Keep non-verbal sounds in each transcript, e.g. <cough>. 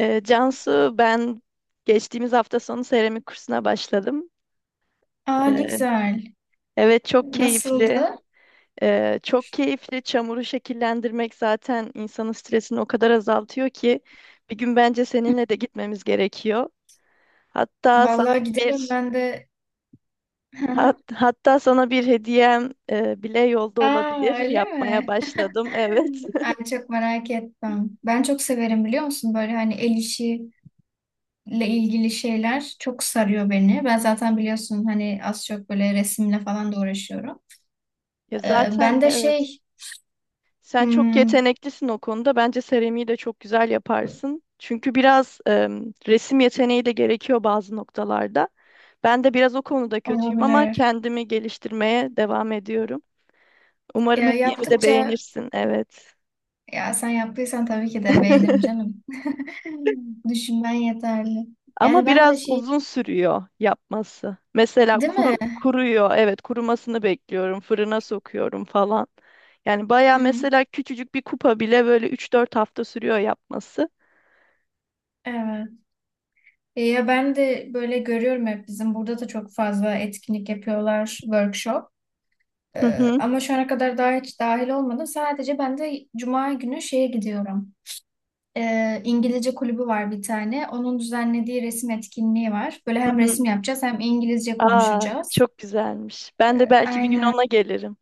Cansu, ben geçtiğimiz hafta sonu seramik kursuna başladım. Aa ne Ee, güzel. evet, çok keyifli. Nasıldı? Çok keyifli. Çamuru şekillendirmek zaten insanın stresini o kadar azaltıyor ki bir gün bence seninle de gitmemiz gerekiyor. Hatta sana Vallahi gidelim bir ben de. Hı hat- hı. hatta sana bir hediyem bile yolda Aa olabilir. <laughs> öyle Yapmaya mi? başladım. Evet. <laughs> Ay çok merak ettim. Ben çok severim biliyor musun? Böyle hani el işiyle ilgili şeyler çok sarıyor beni. Ben zaten biliyorsun hani az çok böyle resimle falan da uğraşıyorum. Ya Ee, zaten ben de evet. şey Sen çok hmm, yeteneklisin o konuda. Bence seramiği de çok güzel yaparsın. Çünkü biraz resim yeteneği de gerekiyor bazı noktalarda. Ben de biraz o konuda kötüyüm ama olabilir. kendimi geliştirmeye devam ediyorum. Umarım Ya hediyemi de yaptıkça beğenirsin. Evet. ya sen yaptıysan tabii ki de beğenirim canım. <laughs> Düşünmen yeterli. Ama Yani ben de biraz şey, uzun sürüyor yapması. Mesela değil mi? Kuruyor. Evet, kurumasını bekliyorum. Fırına sokuyorum falan. Yani baya Hı hı. mesela küçücük bir kupa bile böyle 3-4 hafta sürüyor yapması. Evet. Ya ben de böyle görüyorum, hep bizim burada da çok fazla etkinlik yapıyorlar, workshop. Hı hı, Ama şu ana kadar daha hiç dahil olmadım. Sadece ben de cuma günü şeye gidiyorum. İngilizce kulübü var bir tane. Onun düzenlediği resim etkinliği var. Böyle hı hem hı. resim yapacağız hem İngilizce Aa, konuşacağız. çok güzelmiş. Ben de belki bir gün Aynen. ona gelirim.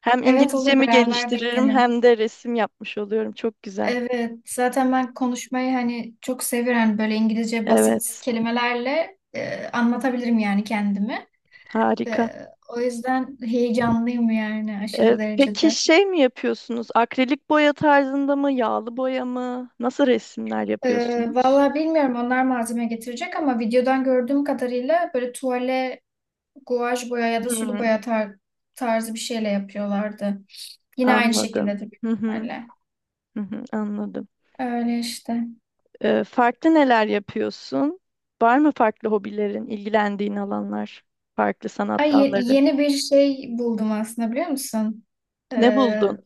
Hem Evet, olur, İngilizcemi beraber de geliştiririm gidelim. hem de resim yapmış oluyorum. Çok güzel. Evet, zaten ben konuşmayı hani çok seviyorum. Hani böyle İngilizce basit Evet, kelimelerle anlatabilirim yani kendimi. harika. O yüzden heyecanlıyım yani aşırı Peki derecede. şey mi yapıyorsunuz? Akrilik boya tarzında mı, yağlı boya mı? Nasıl resimler yapıyorsunuz? Valla bilmiyorum, onlar malzeme getirecek ama videodan gördüğüm kadarıyla böyle tuvale guaj boya ya da sulu Hmm, boya tarzı bir şeyle yapıyorlardı. Yine aynı anladım. şekildedir büyük Hı hı, ihtimalle. hı hı, anladım. Öyle işte. Farklı neler yapıyorsun? Var mı farklı hobilerin, ilgilendiğin alanlar, farklı sanat Ay, dalları? yeni bir şey buldum aslında, biliyor musun? Ne Ee, buldun?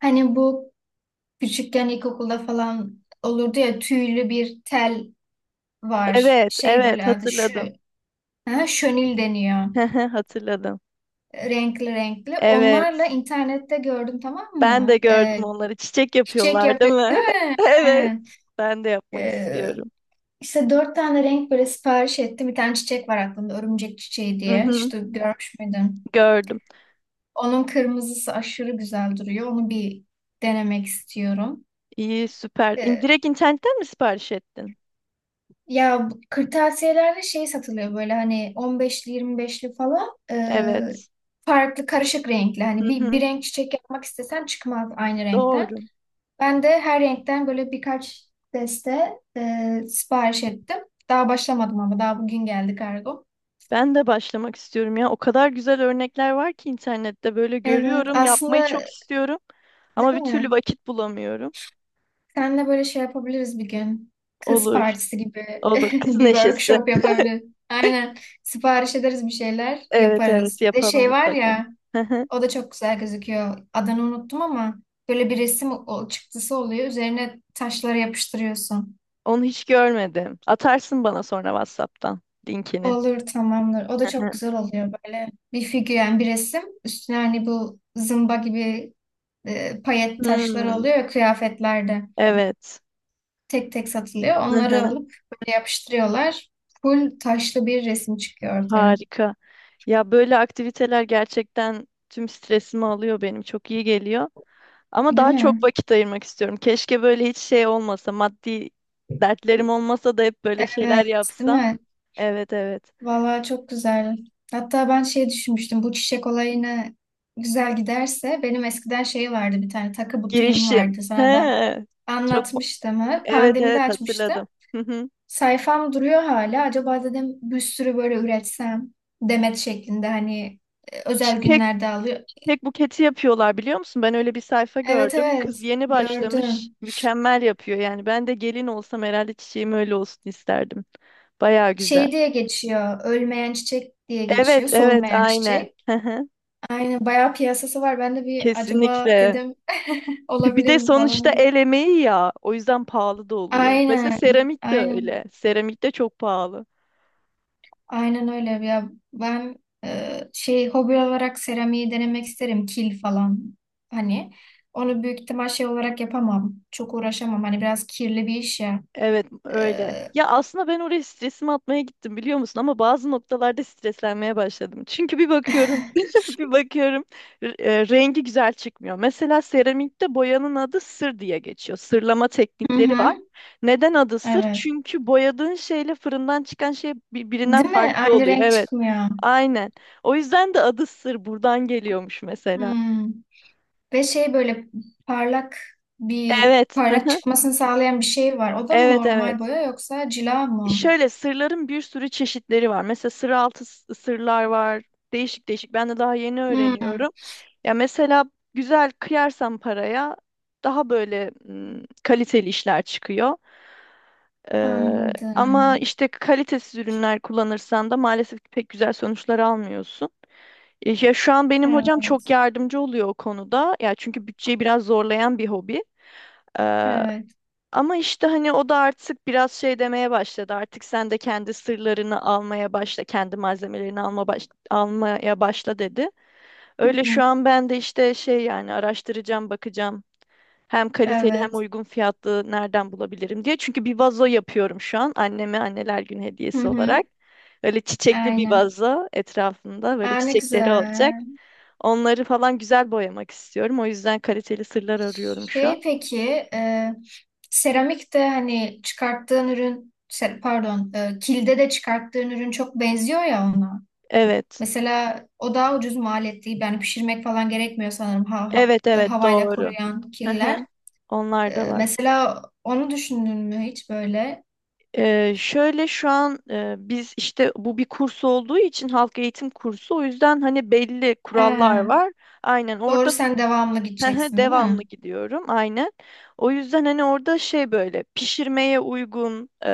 Hani bu küçükken ilkokulda falan olurdu ya, tüylü bir tel var. Evet, Şey, evet böyle adı şu. hatırladım. Ha, şönil deniyor. <laughs> Hı hı. Hatırladım. Renkli renkli. Onlarla Evet. internette gördüm, tamam Ben de mı? gördüm onları. Çiçek Çiçek yapıyorlar, değil yapıyor mi? değil mi? <laughs> Evet. Aynen. Ben de yapmak Ee, istiyorum. işte dört tane renk böyle sipariş ettim. Bir tane çiçek var aklımda, örümcek çiçeği Hı diye. hı, Hiç görmüş müydün? gördüm. Onun kırmızısı aşırı güzel duruyor. Onu bir denemek istiyorum. İyi, süper. Ee, Direkt internetten mi sipariş ettin? Ya bu kırtasiyelerde şey satılıyor, böyle hani on beşli, yirmi beşli falan. Evet. Farklı karışık renkli. Hani Hı bir hı, renk çiçek yapmak istesen çıkmaz aynı renkten. doğru. Ben de her renkten böyle birkaç deste sipariş ettim. Daha başlamadım ama daha bugün geldi kargo. Ben de başlamak istiyorum ya. O kadar güzel örnekler var ki internette böyle Evet, görüyorum. Yapmayı aslında çok istiyorum ama bir değil türlü mi? vakit bulamıyorum. Seninle böyle şey yapabiliriz bir gün. Kız Olur, partisi gibi <laughs> olur. Kız bir neşesi. workshop yapabiliriz. Aynen. Sipariş ederiz, bir şeyler Evet, evet yaparız. Bir de yapalım şey var mutlaka. ya, <laughs> o da çok güzel gözüküyor. Adını unuttum ama böyle bir resim çıktısı oluyor. Üzerine taşları yapıştırıyorsun. Onu hiç görmedim. Atarsın bana sonra WhatsApp'tan linkini. Olur, tamamdır. O da çok güzel <laughs> oluyor, böyle bir figür yani, bir resim. Üstüne hani bu zımba gibi payet taşları Hmm, oluyor ya kıyafetlerde. evet. Tek tek satılıyor. Onları <laughs> alıp böyle yapıştırıyorlar. Full taşlı bir resim çıkıyor ortaya. Harika. Ya böyle aktiviteler gerçekten tüm stresimi alıyor benim. Çok iyi geliyor. Ama Değil daha çok mi? vakit ayırmak istiyorum. Keşke böyle hiç şey olmasa, maddi dertlerim olmasa da hep böyle şeyler Evet, değil yapsam. mi? Evet evet. Vallahi çok güzel. Hatta ben şey düşünmüştüm. Bu çiçek olayına güzel giderse, benim eskiden şey vardı, bir tane takı butiğim Girişim. vardı. He. Sana da Çok mu- anlatmıştım, ha. evet Pandemide evet açmıştım. hatırladım. Hı hı. Sayfam duruyor hala. Acaba dedim bir sürü böyle üretsem, demet şeklinde, hani özel Çiçek, günlerde alıyor. çiçek buketi yapıyorlar biliyor musun? Ben öyle bir sayfa Evet, gördüm. Kız evet, yeni başlamış. gördüm. Mükemmel yapıyor yani. Ben de gelin olsam herhalde çiçeğim öyle olsun isterdim. Baya güzel. Şey diye geçiyor. Ölmeyen çiçek diye Evet geçiyor. evet Solmayan aynen. çiçek. Hı hı. Aynen, bayağı piyasası var. Ben de bir acaba Kesinlikle. dedim <laughs> Bir olabilir de mi sonuçta falan diye. el emeği ya. O yüzden pahalı da oluyor. Mesela Aynen. seramik de Aynen. öyle. Seramik de çok pahalı. Aynen öyle ya, ben şey, hobi olarak seramiği denemek isterim, kil falan, hani onu büyük ihtimal şey olarak yapamam, çok uğraşamam, hani biraz kirli bir iş ya. Evet E, öyle. Ya aslında ben oraya stresimi atmaya gittim biliyor musun? Ama bazı noktalarda streslenmeye başladım. Çünkü bir bakıyorum, <laughs> <laughs> bir bakıyorum rengi güzel çıkmıyor. Mesela seramikte boyanın adı sır diye geçiyor. Sırlama Hı teknikleri var. hı, Neden adı sır? evet. Çünkü boyadığın şeyle fırından çıkan şey birbirinden Değil mi? farklı Aynı oluyor. renk Evet. çıkmıyor. Aynen. O yüzden de adı sır buradan geliyormuş mesela. Hmm. Ve şey böyle parlak, bir Evet. parlak <laughs> çıkmasını sağlayan bir şey var. O da mı Evet, normal evet. boya, yoksa cila mı? Şöyle sırların bir sürü çeşitleri var. Mesela sır altı sırlar var. Değişik değişik. Ben de daha yeni Hmm. öğreniyorum. Ya mesela güzel kıyarsan paraya daha böyle kaliteli işler çıkıyor. Ee, Ama Anladım. işte kalitesiz ürünler kullanırsan da maalesef ki pek güzel sonuçlar almıyorsun. Ya şu an benim hocam çok Evet. yardımcı oluyor o konuda. Ya çünkü bütçeyi biraz zorlayan bir hobi. Evet. Ama işte hani o da artık biraz şey demeye başladı. Artık sen de kendi sırlarını almaya başla, kendi malzemelerini almaya başla dedi. Hı Öyle hı. şu an ben de işte şey yani araştıracağım, bakacağım. Hem kaliteli hem Evet. uygun fiyatlı nereden bulabilirim diye. Çünkü bir vazo yapıyorum şu an anneme anneler günü Hı hediyesi hı. olarak. Öyle çiçekli bir Aynen. vazo etrafında böyle Aa, ne çiçekleri olacak. güzel. Onları falan güzel boyamak istiyorum. O yüzden kaliteli sırlar arıyorum şu Şey, an. peki e, seramik de hani çıkarttığın ürün pardon, kilde de çıkarttığın ürün çok benziyor ya ona. Evet. Mesela o daha ucuz maliyetli, değil. Yani pişirmek falan gerekmiyor sanırım, ha, Evet evet havayla doğru. kuruyan Hı hı. killer. Onlar da var. Mesela onu düşündün mü hiç böyle? Şöyle şu an biz işte bu bir kurs olduğu için halk eğitim kursu o yüzden hani belli He, kurallar var. Aynen orada. doğru, sen devamlı <laughs> gideceksin değil Devamlı mi? gidiyorum aynen. O yüzden hani orada şey böyle pişirmeye uygun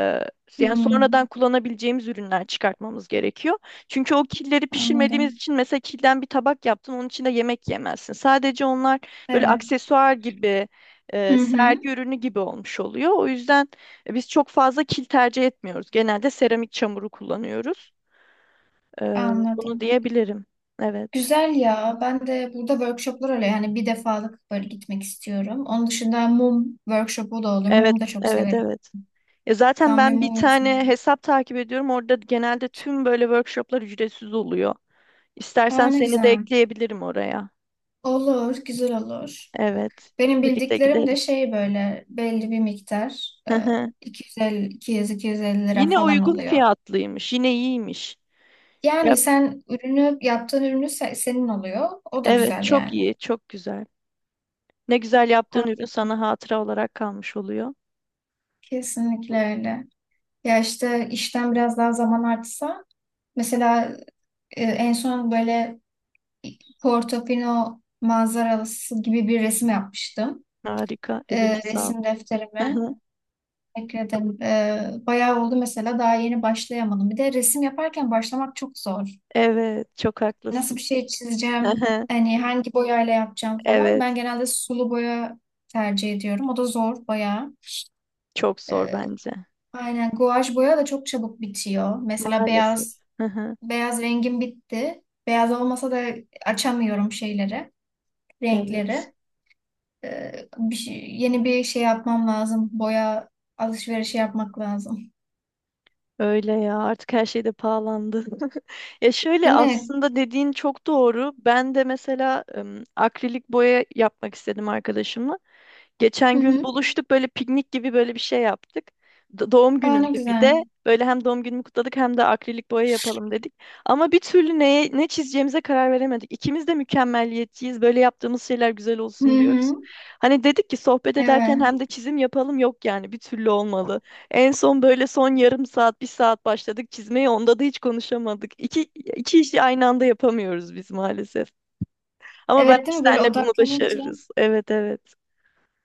yani sonradan Hmm, kullanabileceğimiz ürünler çıkartmamız gerekiyor. Çünkü o killeri pişirmediğimiz anladım. için mesela kilden bir tabak yaptın onun içinde yemek yemezsin. Sadece onlar böyle Evet. aksesuar gibi Hı hı, sergi ürünü gibi olmuş oluyor. O yüzden biz çok fazla kil tercih etmiyoruz. Genelde seramik çamuru kullanıyoruz. E, Bunu anladım. diyebilirim. Evet. Güzel ya. Ben de burada workshoplar oluyor. Yani bir defalık böyle gitmek istiyorum. Onun dışında mum workshopu da oluyor. Evet, Mumu da çok evet, severim. evet. Ya zaten Tam bir ben bir mum tane insanıyım. hesap takip ediyorum. Orada genelde tüm böyle workshoplar ücretsiz oluyor. Aa, İstersen ne seni de güzel. ekleyebilirim oraya. Olur, güzel olur. Evet. Benim Birlikte bildiklerim de gideriz. şey, böyle belli bir miktar. Hı hı. 250, 200-250 lira Yine falan uygun oluyor. fiyatlıymış. Yine iyiymiş. Yani Yap. sen ürünü, yaptığın ürünü senin oluyor. O da Evet, güzel çok yani. iyi, çok güzel. Ne güzel yaptığın Aa, ürün sana hatıra olarak kalmış oluyor. kesinlikle öyle. Ya işte işten biraz daha zaman artsa. Mesela en son böyle Portofino manzarası gibi bir resim yapmıştım. Harika. Eline sağlık. Resim Hı defterime hı. ekledim. Bayağı oldu, mesela daha yeni başlayamadım. Bir de resim yaparken başlamak çok zor. Evet, çok Nasıl bir haklısın. şey Hı çizeceğim, hı. hani hangi boyayla yapacağım falan. Evet, Ben genelde sulu boya tercih ediyorum. O da zor bayağı. çok zor bence. Aynen, guaj boya da çok çabuk bitiyor. Mesela Maalesef. beyaz Hı hı. beyaz rengim bitti. Beyaz olmasa da açamıyorum şeyleri, Evet. renkleri. Ee, yeni bir şey yapmam lazım. Boya alışverişi yapmak lazım. Öyle ya artık her şey de pahalandı. <laughs> Ya şöyle Değil mi? aslında dediğin çok doğru. Ben de mesela akrilik boya yapmak istedim arkadaşımla. Hı Geçen gün hı. buluştuk böyle piknik gibi böyle bir şey yaptık. Doğum Aa, ne günümdü bir güzel. de. Böyle hem doğum günümü kutladık hem de akrilik boya yapalım dedik. Ama bir türlü neye, ne çizeceğimize karar veremedik. İkimiz de mükemmeliyetçiyiz. Böyle yaptığımız şeyler güzel Hı olsun diyoruz. hı. Hani dedik ki sohbet ederken Evet. hem de çizim yapalım yok yani bir türlü olmalı. En son böyle son yarım saat, bir saat başladık çizmeye. Onda da hiç konuşamadık. İki işi aynı anda yapamıyoruz biz maalesef. Ama belki Evet, değil mi? Böyle senle bunu odaklanınca. başarırız. Evet, evet.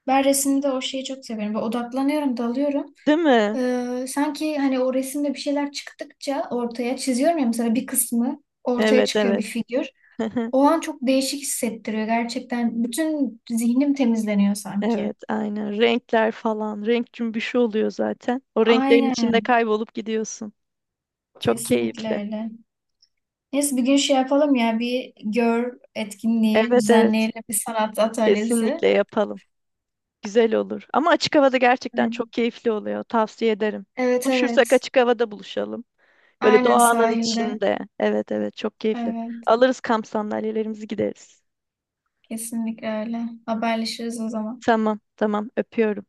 Ben resimde o şeyi çok severim. Böyle odaklanıyorum, dalıyorum. Değil mi? Sanki hani o resimde bir şeyler çıktıkça ortaya, çiziyorum ya, mesela bir kısmı ortaya Evet, çıkıyor, bir evet. figür. <laughs> O an çok değişik hissettiriyor gerçekten. Bütün zihnim temizleniyor sanki. Evet, aynen. Renkler falan. Renk cümbüşü oluyor zaten. O renklerin içinde Aynen. kaybolup gidiyorsun. Çok Kesinlikle keyifli. öyle. Neyse bir gün şey yapalım ya, bir gör etkinliği Evet, evet. düzenleyelim, bir sanat atölyesi. Kesinlikle yapalım. Güzel olur. Ama açık havada gerçekten Aynen. çok keyifli oluyor. Tavsiye ederim. Evet, Buluşursak evet. açık havada buluşalım. Böyle Aynen, doğanın sahilde. içinde. Evet evet çok keyifli. Evet. Alırız kamp sandalyelerimizi gideriz. Kesinlikle öyle. Haberleşiriz o zaman. Tamam tamam öpüyorum.